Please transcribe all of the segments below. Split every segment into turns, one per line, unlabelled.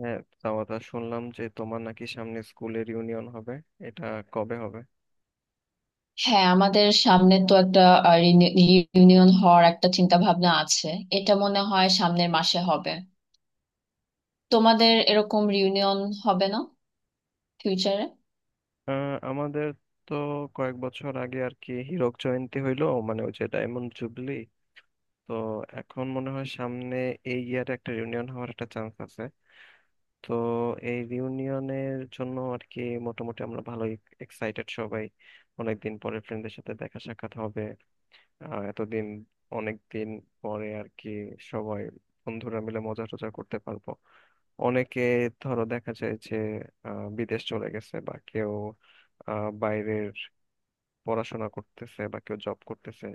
হ্যাঁ, তা কথা শুনলাম যে তোমার নাকি সামনে স্কুলের ইউনিয়ন হবে। এটা কবে হবে?
হ্যাঁ, আমাদের সামনে তো একটা রিউনিয়ন হওয়ার একটা চিন্তা ভাবনা আছে। এটা মনে হয় সামনের মাসে হবে। তোমাদের এরকম রিউনিয়ন হবে না ফিউচারে?
আমাদের তো কয়েক বছর আগে আর কি হীরক জয়ন্তী হইলো, মানে ওই যে ডায়মন্ড জুবলি। তো এখন মনে হয় সামনে এই ইয়ারে একটা রিউনিয়ন হওয়ার একটা চান্স আছে। তো এই রিউনিয়নের জন্য আর কি মোটামুটি আমরা ভালোই এক্সাইটেড সবাই। অনেকদিন পরে ফ্রেন্ডদের সাথে দেখা সাক্ষাৎ হবে। এতদিন, অনেক দিন পরে আর কি সবাই বন্ধুরা মিলে মজা টজা করতে পারবো। অনেকে, ধরো, দেখা যায় যে বিদেশ চলে গেছে, বা কেউ বাইরের পড়াশোনা করতেছে, বা কেউ জব করতেছে।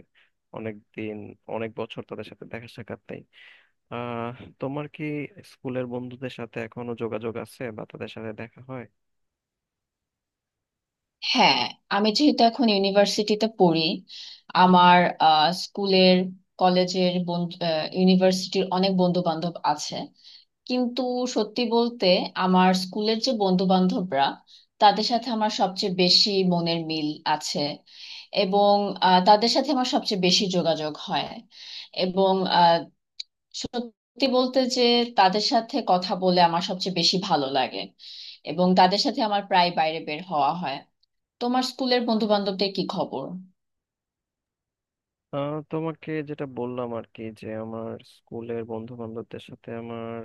অনেক দিন, অনেক বছর তাদের সাথে দেখা সাক্ষাৎ নেই। আহ তোমার কি স্কুলের বন্ধুদের সাথে এখনো যোগাযোগ আছে, বা তাদের সাথে দেখা হয়?
হ্যাঁ, আমি যেহেতু এখন ইউনিভার্সিটিতে পড়ি, আমার স্কুলের, কলেজের বন্ধু, ইউনিভার্সিটির অনেক বন্ধু বান্ধব আছে। কিন্তু সত্যি বলতে, আমার স্কুলের যে বন্ধু বান্ধবরা, তাদের সাথে আমার সবচেয়ে বেশি মনের মিল আছে, এবং তাদের সাথে আমার সবচেয়ে বেশি যোগাযোগ হয়। এবং সত্যি বলতে যে তাদের সাথে কথা বলে আমার সবচেয়ে বেশি ভালো লাগে, এবং তাদের সাথে আমার প্রায় বাইরে বের হওয়া হয়। তোমার স্কুলের বন্ধু বান্ধবদের কি খবর?
তোমাকে যেটা বললাম আর কি, যে আমার স্কুলের বন্ধু বান্ধবদের সাথে আমার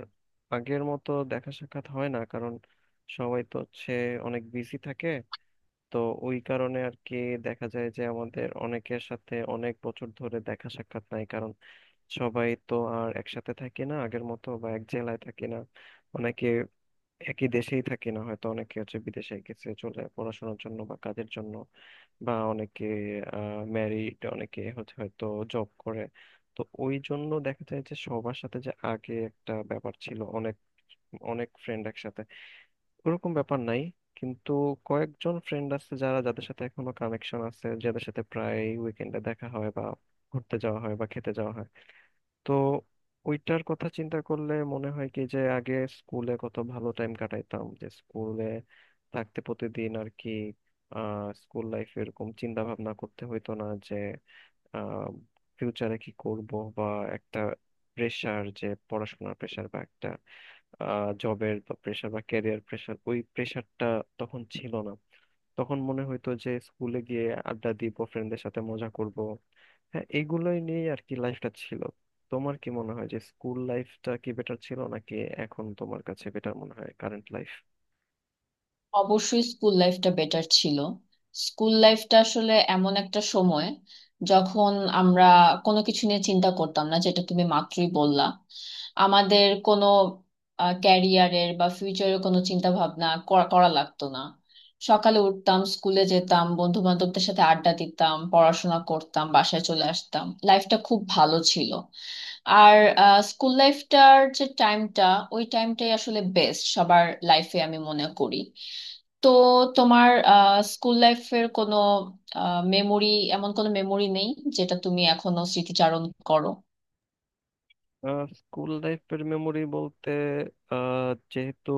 আগের মতো দেখা সাক্ষাৎ হয় না, কারণ সবাই তো হচ্ছে অনেক বিজি থাকে। তো ওই কারণে আর কি দেখা যায় যে আমাদের অনেকের সাথে অনেক বছর ধরে দেখা সাক্ষাৎ নাই, কারণ সবাই তো আর একসাথে থাকি না আগের মতো, বা এক জেলায় থাকি না। অনেকে একই দেশেই থাকি না, হয়তো অনেকে হচ্ছে বিদেশে গেছে চলে পড়াশোনার জন্য বা কাজের জন্য, বা অনেকে ম্যারিড, অনেকে হচ্ছে হয়তো জব করে। তো ওই জন্য দেখা যায় যে সবার সাথে যে আগে একটা ব্যাপার ছিল, অনেক অনেক ফ্রেন্ড একসাথে, ওরকম ব্যাপার নাই। কিন্তু কয়েকজন ফ্রেন্ড আছে যাদের সাথে এখনো কানেকশন আছে, যাদের সাথে প্রায় উইকেন্ডে দেখা হয় বা ঘুরতে যাওয়া হয় বা খেতে যাওয়া হয়। তো ওইটার কথা চিন্তা করলে মনে হয় কি, যে আগে স্কুলে কত ভালো টাইম কাটাইতাম, যে স্কুলে থাকতে প্রতিদিন আর কি স্কুল লাইফ এরকম চিন্তা ভাবনা করতে হইতো না যে আহ ফিউচারে কি করব, বা একটা প্রেশার, যে পড়াশোনার প্রেশার বা একটা জবের বা প্রেশার বা ক্যারিয়ার প্রেশার, ওই প্রেশারটা তখন ছিল না। তখন মনে হইতো যে স্কুলে গিয়ে আড্ডা দিব, ফ্রেন্ডদের সাথে মজা করব। হ্যাঁ, এইগুলোই নিয়েই আর কি লাইফটা ছিল। তোমার কি মনে হয় যে স্কুল লাইফটা কি বেটার ছিল, নাকি এখন তোমার কাছে বেটার মনে হয় কারেন্ট লাইফ?
অবশ্যই স্কুল লাইফটা বেটার ছিল। স্কুল লাইফটা আসলে এমন একটা সময় যখন আমরা কোনো কিছু নিয়ে চিন্তা করতাম না, যেটা তুমি মাত্রই বললা। আমাদের কোনো ক্যারিয়ারের বা ফিউচারের কোনো চিন্তা ভাবনা করা করা লাগতো না। সকালে উঠতাম, স্কুলে যেতাম, বন্ধু বান্ধবদের সাথে আড্ডা দিতাম, পড়াশোনা করতাম, বাসায় চলে আসতাম, লাইফটা খুব ভালো ছিল। আর স্কুল লাইফটার যে টাইমটা, ওই টাইমটাই আসলে বেস্ট সবার লাইফে, আমি মনে করি। তো তোমার স্কুল লাইফের কোনো মেমোরি, এমন কোনো মেমোরি নেই যেটা তুমি এখনো স্মৃতিচারণ করো?
স্কুল লাইফের মেমোরি বলতে, যেহেতু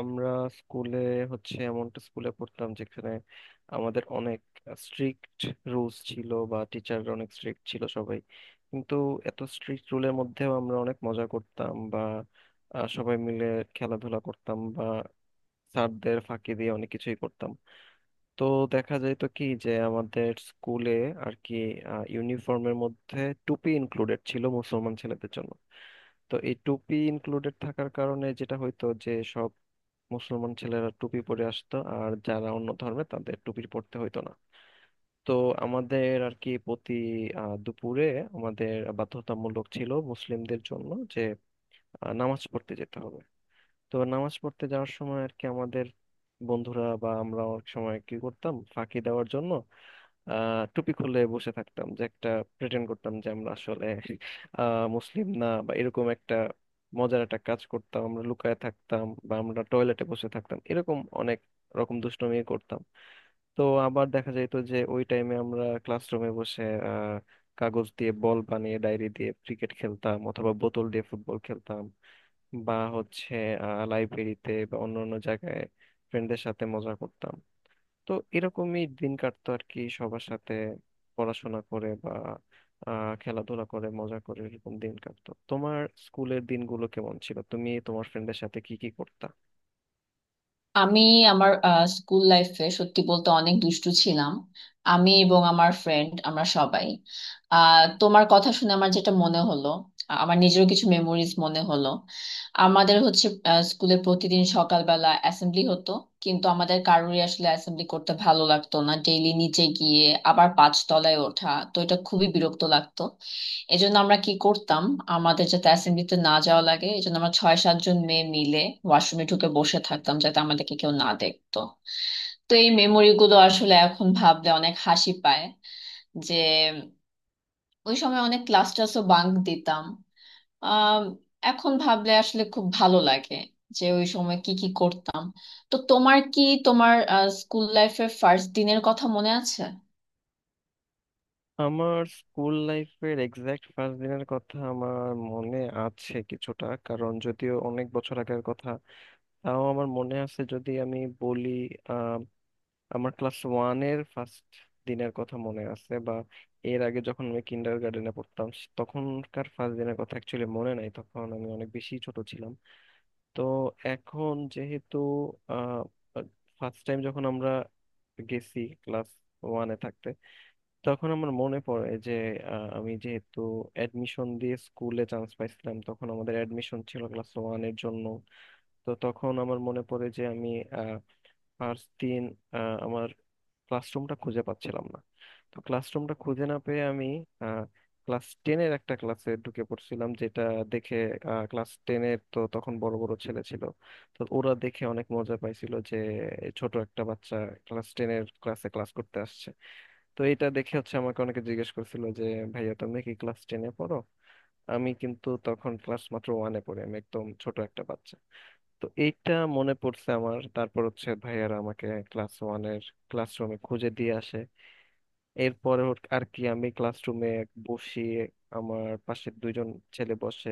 আমরা স্কুলে হচ্ছে এমন একটা স্কুলে পড়তাম যেখানে আমাদের অনেক স্ট্রিক্ট রুলস ছিল, বা টিচাররা অনেক স্ট্রিক্ট ছিল সবাই। কিন্তু এত স্ট্রিক্ট রুলের মধ্যেও আমরা অনেক মজা করতাম, বা সবাই মিলে খেলাধুলা করতাম, বা স্যারদের ফাঁকি দিয়ে অনেক কিছুই করতাম। তো দেখা যায় তো কি যে আমাদের স্কুলে আর কি ইউনিফর্মের মধ্যে টুপি ইনক্লুডেড ছিল মুসলমান ছেলেদের জন্য। তো এই টুপি ইনক্লুডেড থাকার কারণে যেটা হইতো যে সব মুসলমান ছেলেরা টুপি পরে আসতো, আর যারা অন্য ধর্মে তাদের টুপি পরতে হইতো না। তো আমাদের আর কি প্রতি দুপুরে আমাদের বাধ্যতামূলক ছিল মুসলিমদের জন্য যে নামাজ পড়তে যেতে হবে। তো নামাজ পড়তে যাওয়ার সময় আর কি আমাদের বন্ধুরা বা আমরা অনেক সময় কি করতাম, ফাঁকি দেওয়ার জন্য টুপি খুলে বসে থাকতাম, যে একটা প্রেটেন্ড করতাম যে আমরা আসলে মুসলিম না, বা এরকম একটা মজার একটা কাজ করতাম, আমরা লুকায় থাকতাম, বা আমরা টয়লেটে বসে থাকতাম, এরকম অনেক রকম দুষ্টুমি করতাম। তো আবার দেখা যেত যে ওই টাইমে আমরা ক্লাসরুমে বসে আহ কাগজ দিয়ে বল বানিয়ে ডায়েরি দিয়ে ক্রিকেট খেলতাম, অথবা বোতল দিয়ে ফুটবল খেলতাম, বা হচ্ছে লাইব্রেরিতে বা অন্য অন্য জায়গায় ফ্রেন্ডদের সাথে মজা করতাম। তো এরকমই দিন কাটতো আর কি সবার সাথে, পড়াশোনা করে বা খেলাধুলা করে মজা করে এরকম দিন কাটতো। তোমার স্কুলের দিনগুলো কেমন ছিল? তুমি তোমার ফ্রেন্ডের সাথে কি কি করতা?
আমি আমার স্কুল লাইফে সত্যি বলতে অনেক দুষ্টু ছিলাম। আমি এবং আমার ফ্রেন্ড আমরা সবাই, তোমার কথা শুনে আমার যেটা মনে হলো, আমার নিজেরও কিছু মেমোরিজ মনে হলো। আমাদের হচ্ছে স্কুলে প্রতিদিন সকালবেলা অ্যাসেম্বলি হতো, কিন্তু আমাদের কারোরই আসলে অ্যাসেম্বলি করতে ভালো লাগতো না। ডেইলি নিচে গিয়ে আবার 5 তলায় ওঠা, তো এটা খুবই বিরক্ত লাগতো। এই জন্য আমরা কি করতাম, আমাদের যাতে অ্যাসেম্বলিতে না যাওয়া লাগে, এই জন্য আমরা 6-7 জন মেয়ে মিলে ওয়াশরুমে ঢুকে বসে থাকতাম যাতে আমাদেরকে কেউ না দেখতো। তো এই মেমোরি গুলো আসলে এখন ভাবলে অনেক হাসি পায়, যে ওই সময় অনেক ক্লাস টাসও বাঙ্ক দিতাম। আহ এখন ভাবলে আসলে খুব ভালো লাগে যে ওই সময় কি কি করতাম। তো তোমার কি, তোমার স্কুল লাইফের ফার্স্ট দিনের কথা মনে আছে?
আমার স্কুল লাইফের এক্সাক্ট ফার্স্ট দিনের কথা আমার মনে আছে কিছুটা, কারণ যদিও অনেক বছর আগের কথা, তাও আমার মনে আছে। যদি আমি বলি, আমার ক্লাস ওয়ানের ফার্স্ট দিনের কথা মনে আছে, বা এর আগে যখন আমি কিন্ডার গার্ডেনে পড়তাম তখনকার ফার্স্ট দিনের কথা অ্যাকচুয়ালি মনে নাই, তখন আমি অনেক বেশি ছোট ছিলাম। তো এখন যেহেতু ফার্স্ট টাইম যখন আমরা গেছি ক্লাস ওয়ানে থাকতে, তখন আমার মনে পড়ে যে আমি যেহেতু অ্যাডমিশন দিয়ে স্কুলে চান্স পাইছিলাম, তখন আমাদের অ্যাডমিশন ছিল ক্লাস ওয়ানের জন্য। তো তখন আমার মনে পড়ে যে আমি আর তিন আমার ক্লাসরুমটা খুঁজে পাচ্ছিলাম না। তো ক্লাসরুমটা খুঁজে না পেয়ে আমি ক্লাস টেনের একটা ক্লাসে ঢুকে পড়ছিলাম, যেটা দেখে, ক্লাস টেনের তো তখন বড় বড় ছেলে ছিল, তো ওরা দেখে অনেক মজা পাইছিল যে ছোট একটা বাচ্চা ক্লাস টেনের ক্লাসে ক্লাস করতে আসছে। তো এটা দেখে হচ্ছে আমাকে অনেকে জিজ্ঞেস করছিল যে, ভাইয়া তুমি কি ক্লাস টেনে পড়ো? আমি কিন্তু তখন ক্লাস মাত্র ওয়ানে পড়ি, আমি একদম ছোট একটা বাচ্চা। তো এইটা মনে পড়ছে আমার। তারপর হচ্ছে ভাইয়ারা আমাকে ক্লাস ওয়ানের ক্লাসরুমে খুঁজে দিয়ে আসে। এরপরে আর কি আমি ক্লাসরুমে বসি, আমার পাশে দুইজন ছেলে বসে।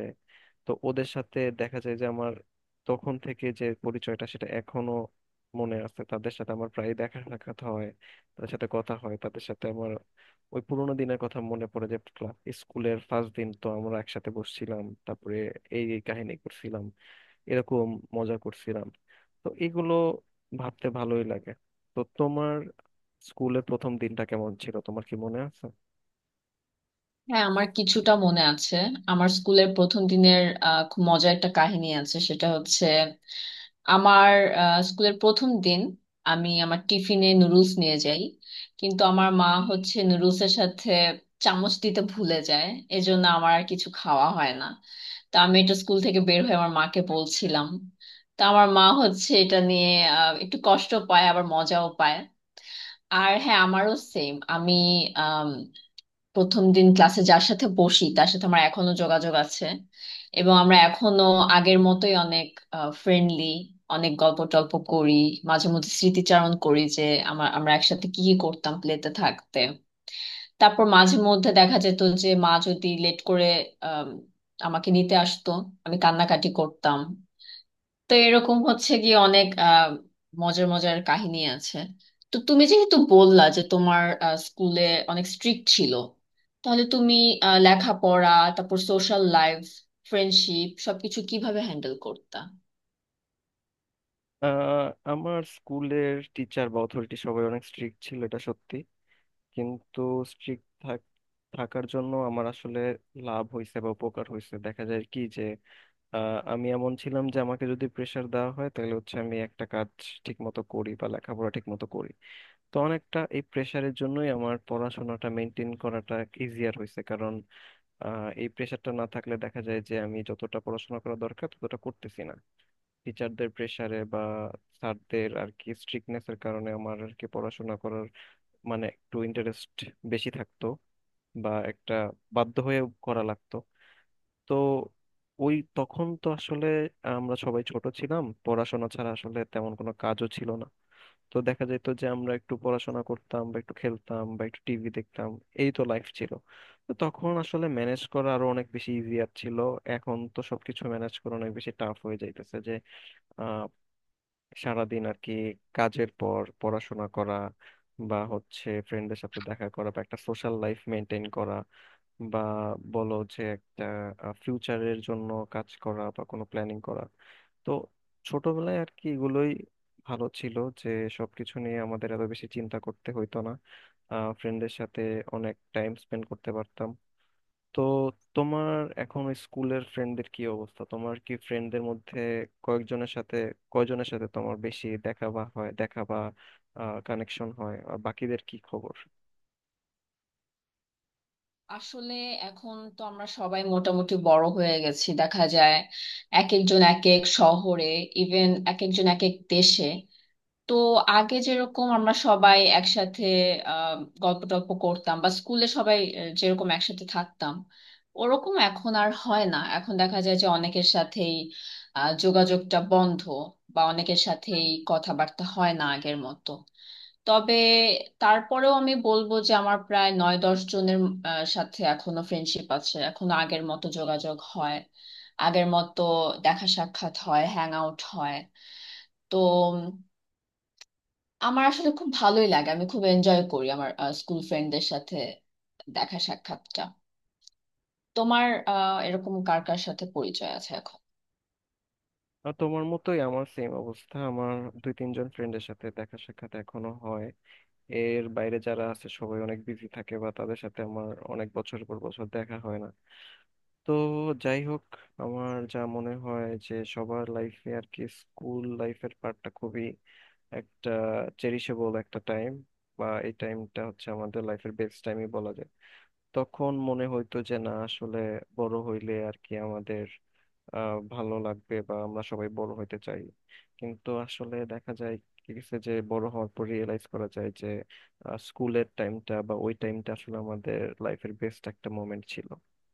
তো ওদের সাথে দেখা যায় যে আমার তখন থেকে যে পরিচয়টা, সেটা এখনো মনে আছে, তাদের সাথে আমার প্রায় দেখা সাক্ষাৎ হয়, তাদের সাথে কথা হয়, তাদের সাথে আমার ওই পুরোনো দিনের কথা মনে পড়ে, যে ক্লাস, স্কুলের ফার্স্ট দিন তো আমরা একসাথে বসছিলাম, তারপরে এই এই কাহিনী করছিলাম, এরকম মজা করছিলাম। তো এগুলো ভাবতে ভালোই লাগে। তো তোমার স্কুলের প্রথম দিনটা কেমন ছিল? তোমার কি মনে আছে?
হ্যাঁ, আমার কিছুটা মনে আছে। আমার স্কুলের প্রথম দিনের খুব মজার একটা কাহিনী আছে। সেটা হচ্ছে, আমার স্কুলের প্রথম দিন আমি আমার টিফিনে নুডলস নিয়ে যাই, কিন্তু আমার মা হচ্ছে নুডলসের সাথে চামচ দিতে ভুলে যায়। এজন্য আমার আর কিছু খাওয়া হয় না। তা আমি এটা স্কুল থেকে বের হয়ে আমার মাকে বলছিলাম। তা আমার মা হচ্ছে এটা নিয়ে একটু কষ্ট পায়, আবার মজাও পায়। আর হ্যাঁ, আমারও সেম, আমি প্রথম দিন ক্লাসে যার সাথে বসি, তার সাথে আমার এখনো যোগাযোগ আছে, এবং আমরা এখনো আগের মতোই অনেক ফ্রেন্ডলি, অনেক গল্প টল্প করি, মাঝে মধ্যে স্মৃতিচারণ করি যে আমার, আমরা একসাথে কি কি করতাম প্লেতে থাকতে। তারপর মাঝে মধ্যে দেখা যেত যে মা যদি লেট করে আম, আমাকে নিতে আসতো, আমি কান্নাকাটি করতাম। তো এরকম হচ্ছে গিয়ে অনেক মজার মজার কাহিনী আছে। তো তুমি যেহেতু বললা যে তোমার স্কুলে অনেক স্ট্রিক্ট ছিল, তাহলে তুমি লেখাপড়া, তারপর সোশ্যাল লাইফ, ফ্রেন্ডশিপ সবকিছু কিভাবে হ্যান্ডেল করতা?
আহ আমার স্কুলের টিচার বা অথরিটি সবাই অনেক স্ট্রিক্ট ছিল, এটা সত্যি। কিন্তু স্ট্রিক্ট থাকার জন্য আমার আসলে লাভ হয়েছে বা উপকার হয়েছে। দেখা যায় কি যে আমি এমন ছিলাম যে আমাকে যদি প্রেশার দেওয়া হয়, তাহলে হচ্ছে আমি একটা কাজ ঠিক মতো করি বা লেখাপড়া ঠিক মতো করি। তো অনেকটা এই প্রেশারের জন্যই আমার পড়াশোনাটা মেনটেন করাটা ইজিয়ার হয়েছে, কারণ এই প্রেশারটা না থাকলে দেখা যায় যে আমি যতটা পড়াশোনা করা দরকার ততটা করতেছি না। টিচারদের প্রেশারে বা স্যারদের আর কি স্ট্রিক্টনেসের কারণে আমার আর কি পড়াশোনা করার মানে একটু ইন্টারেস্ট বেশি থাকতো, বা একটা বাধ্য হয়ে করা লাগতো। তো ওই তখন তো আসলে আমরা সবাই ছোট ছিলাম, পড়াশোনা ছাড়া আসলে তেমন কোনো কাজও ছিল না। তো দেখা যেত যে আমরা একটু পড়াশোনা করতাম বা একটু খেলতাম বা একটু টিভি দেখতাম, এই তো লাইফ ছিল। তো তখন আসলে ম্যানেজ করা আরো অনেক বেশি ইজিয়ার ছিল। এখন তো সবকিছু ম্যানেজ করা অনেক বেশি টাফ হয়ে যাইতেছে, যে সারাদিন আর কি কাজের পর পড়াশোনা করা, বা হচ্ছে ফ্রেন্ডদের সাথে দেখা করা, বা একটা সোশ্যাল লাইফ মেনটেন করা, বা বলো যে একটা ফিউচারের জন্য কাজ করা বা কোনো প্ল্যানিং করা। তো ছোটবেলায় আর কি এগুলোই ভালো ছিল, যে সবকিছু নিয়ে আমাদের এত বেশি চিন্তা করতে হইতো না, ফ্রেন্ডের সাথে অনেক টাইম স্পেন্ড করতে পারতাম। তো তোমার এখন ওই স্কুলের ফ্রেন্ডদের কি অবস্থা? তোমার কি ফ্রেন্ডদের মধ্যে কয়েকজনের সাথে, কয়জনের সাথে তোমার বেশি দেখা বা হয় দেখা বা কানেকশন হয়, আর বাকিদের কি খবর?
আসলে এখন তো আমরা সবাই মোটামুটি বড় হয়ে গেছি। দেখা যায় এক একজন এক এক শহরে, ইভেন এক একজন এক এক দেশে। তো আগে যেরকম আমরা সবাই একসাথে আহ গল্প টল্প করতাম, বা স্কুলে সবাই যেরকম একসাথে থাকতাম, ওরকম এখন আর হয় না। এখন দেখা যায় যে অনেকের সাথেই যোগাযোগটা বন্ধ, বা অনেকের সাথেই কথাবার্তা হয় না আগের মতো। তবে তারপরেও আমি বলবো যে আমার প্রায় 9-10 জনের সাথে এখনো ফ্রেন্ডশিপ আছে, এখনো আগের মতো যোগাযোগ হয়, আগের মতো দেখা সাক্ষাৎ হয়, হ্যাং আউট হয়। তো আমার আসলে খুব ভালোই লাগে, আমি খুব এনজয় করি আমার স্কুল ফ্রেন্ডদের সাথে দেখা সাক্ষাৎটা। তোমার এরকম কার কার সাথে পরিচয় আছে এখন?
আর তোমার মতোই আমার সেম অবস্থা। আমার দুই তিনজন ফ্রেন্ডের সাথে দেখা সাক্ষাৎ এখনো হয়। এর বাইরে যারা আছে সবাই অনেক বিজি থাকে, বা তাদের সাথে আমার অনেক বছর পর বছর দেখা হয় না। তো যাই হোক, আমার যা মনে হয় যে সবার লাইফে আর কি স্কুল লাইফের পার্টটা খুবই একটা চেরিশেবল একটা টাইম, বা এই টাইমটা হচ্ছে আমাদের লাইফের বেস্ট টাইমই বলা যায়। তখন মনে হইতো যে না, আসলে বড় হইলে আর কি আমাদের ভালো লাগবে, বা আমরা সবাই বড় হইতে চাই। কিন্তু আসলে দেখা যায় কি গেছে, যে বড় হওয়ার পর রিয়েলাইজ করা যায় যে স্কুলের টাইমটা বা ওই টাইমটা আসলে আমাদের লাইফের বেস্ট একটা মোমেন্ট ছিল।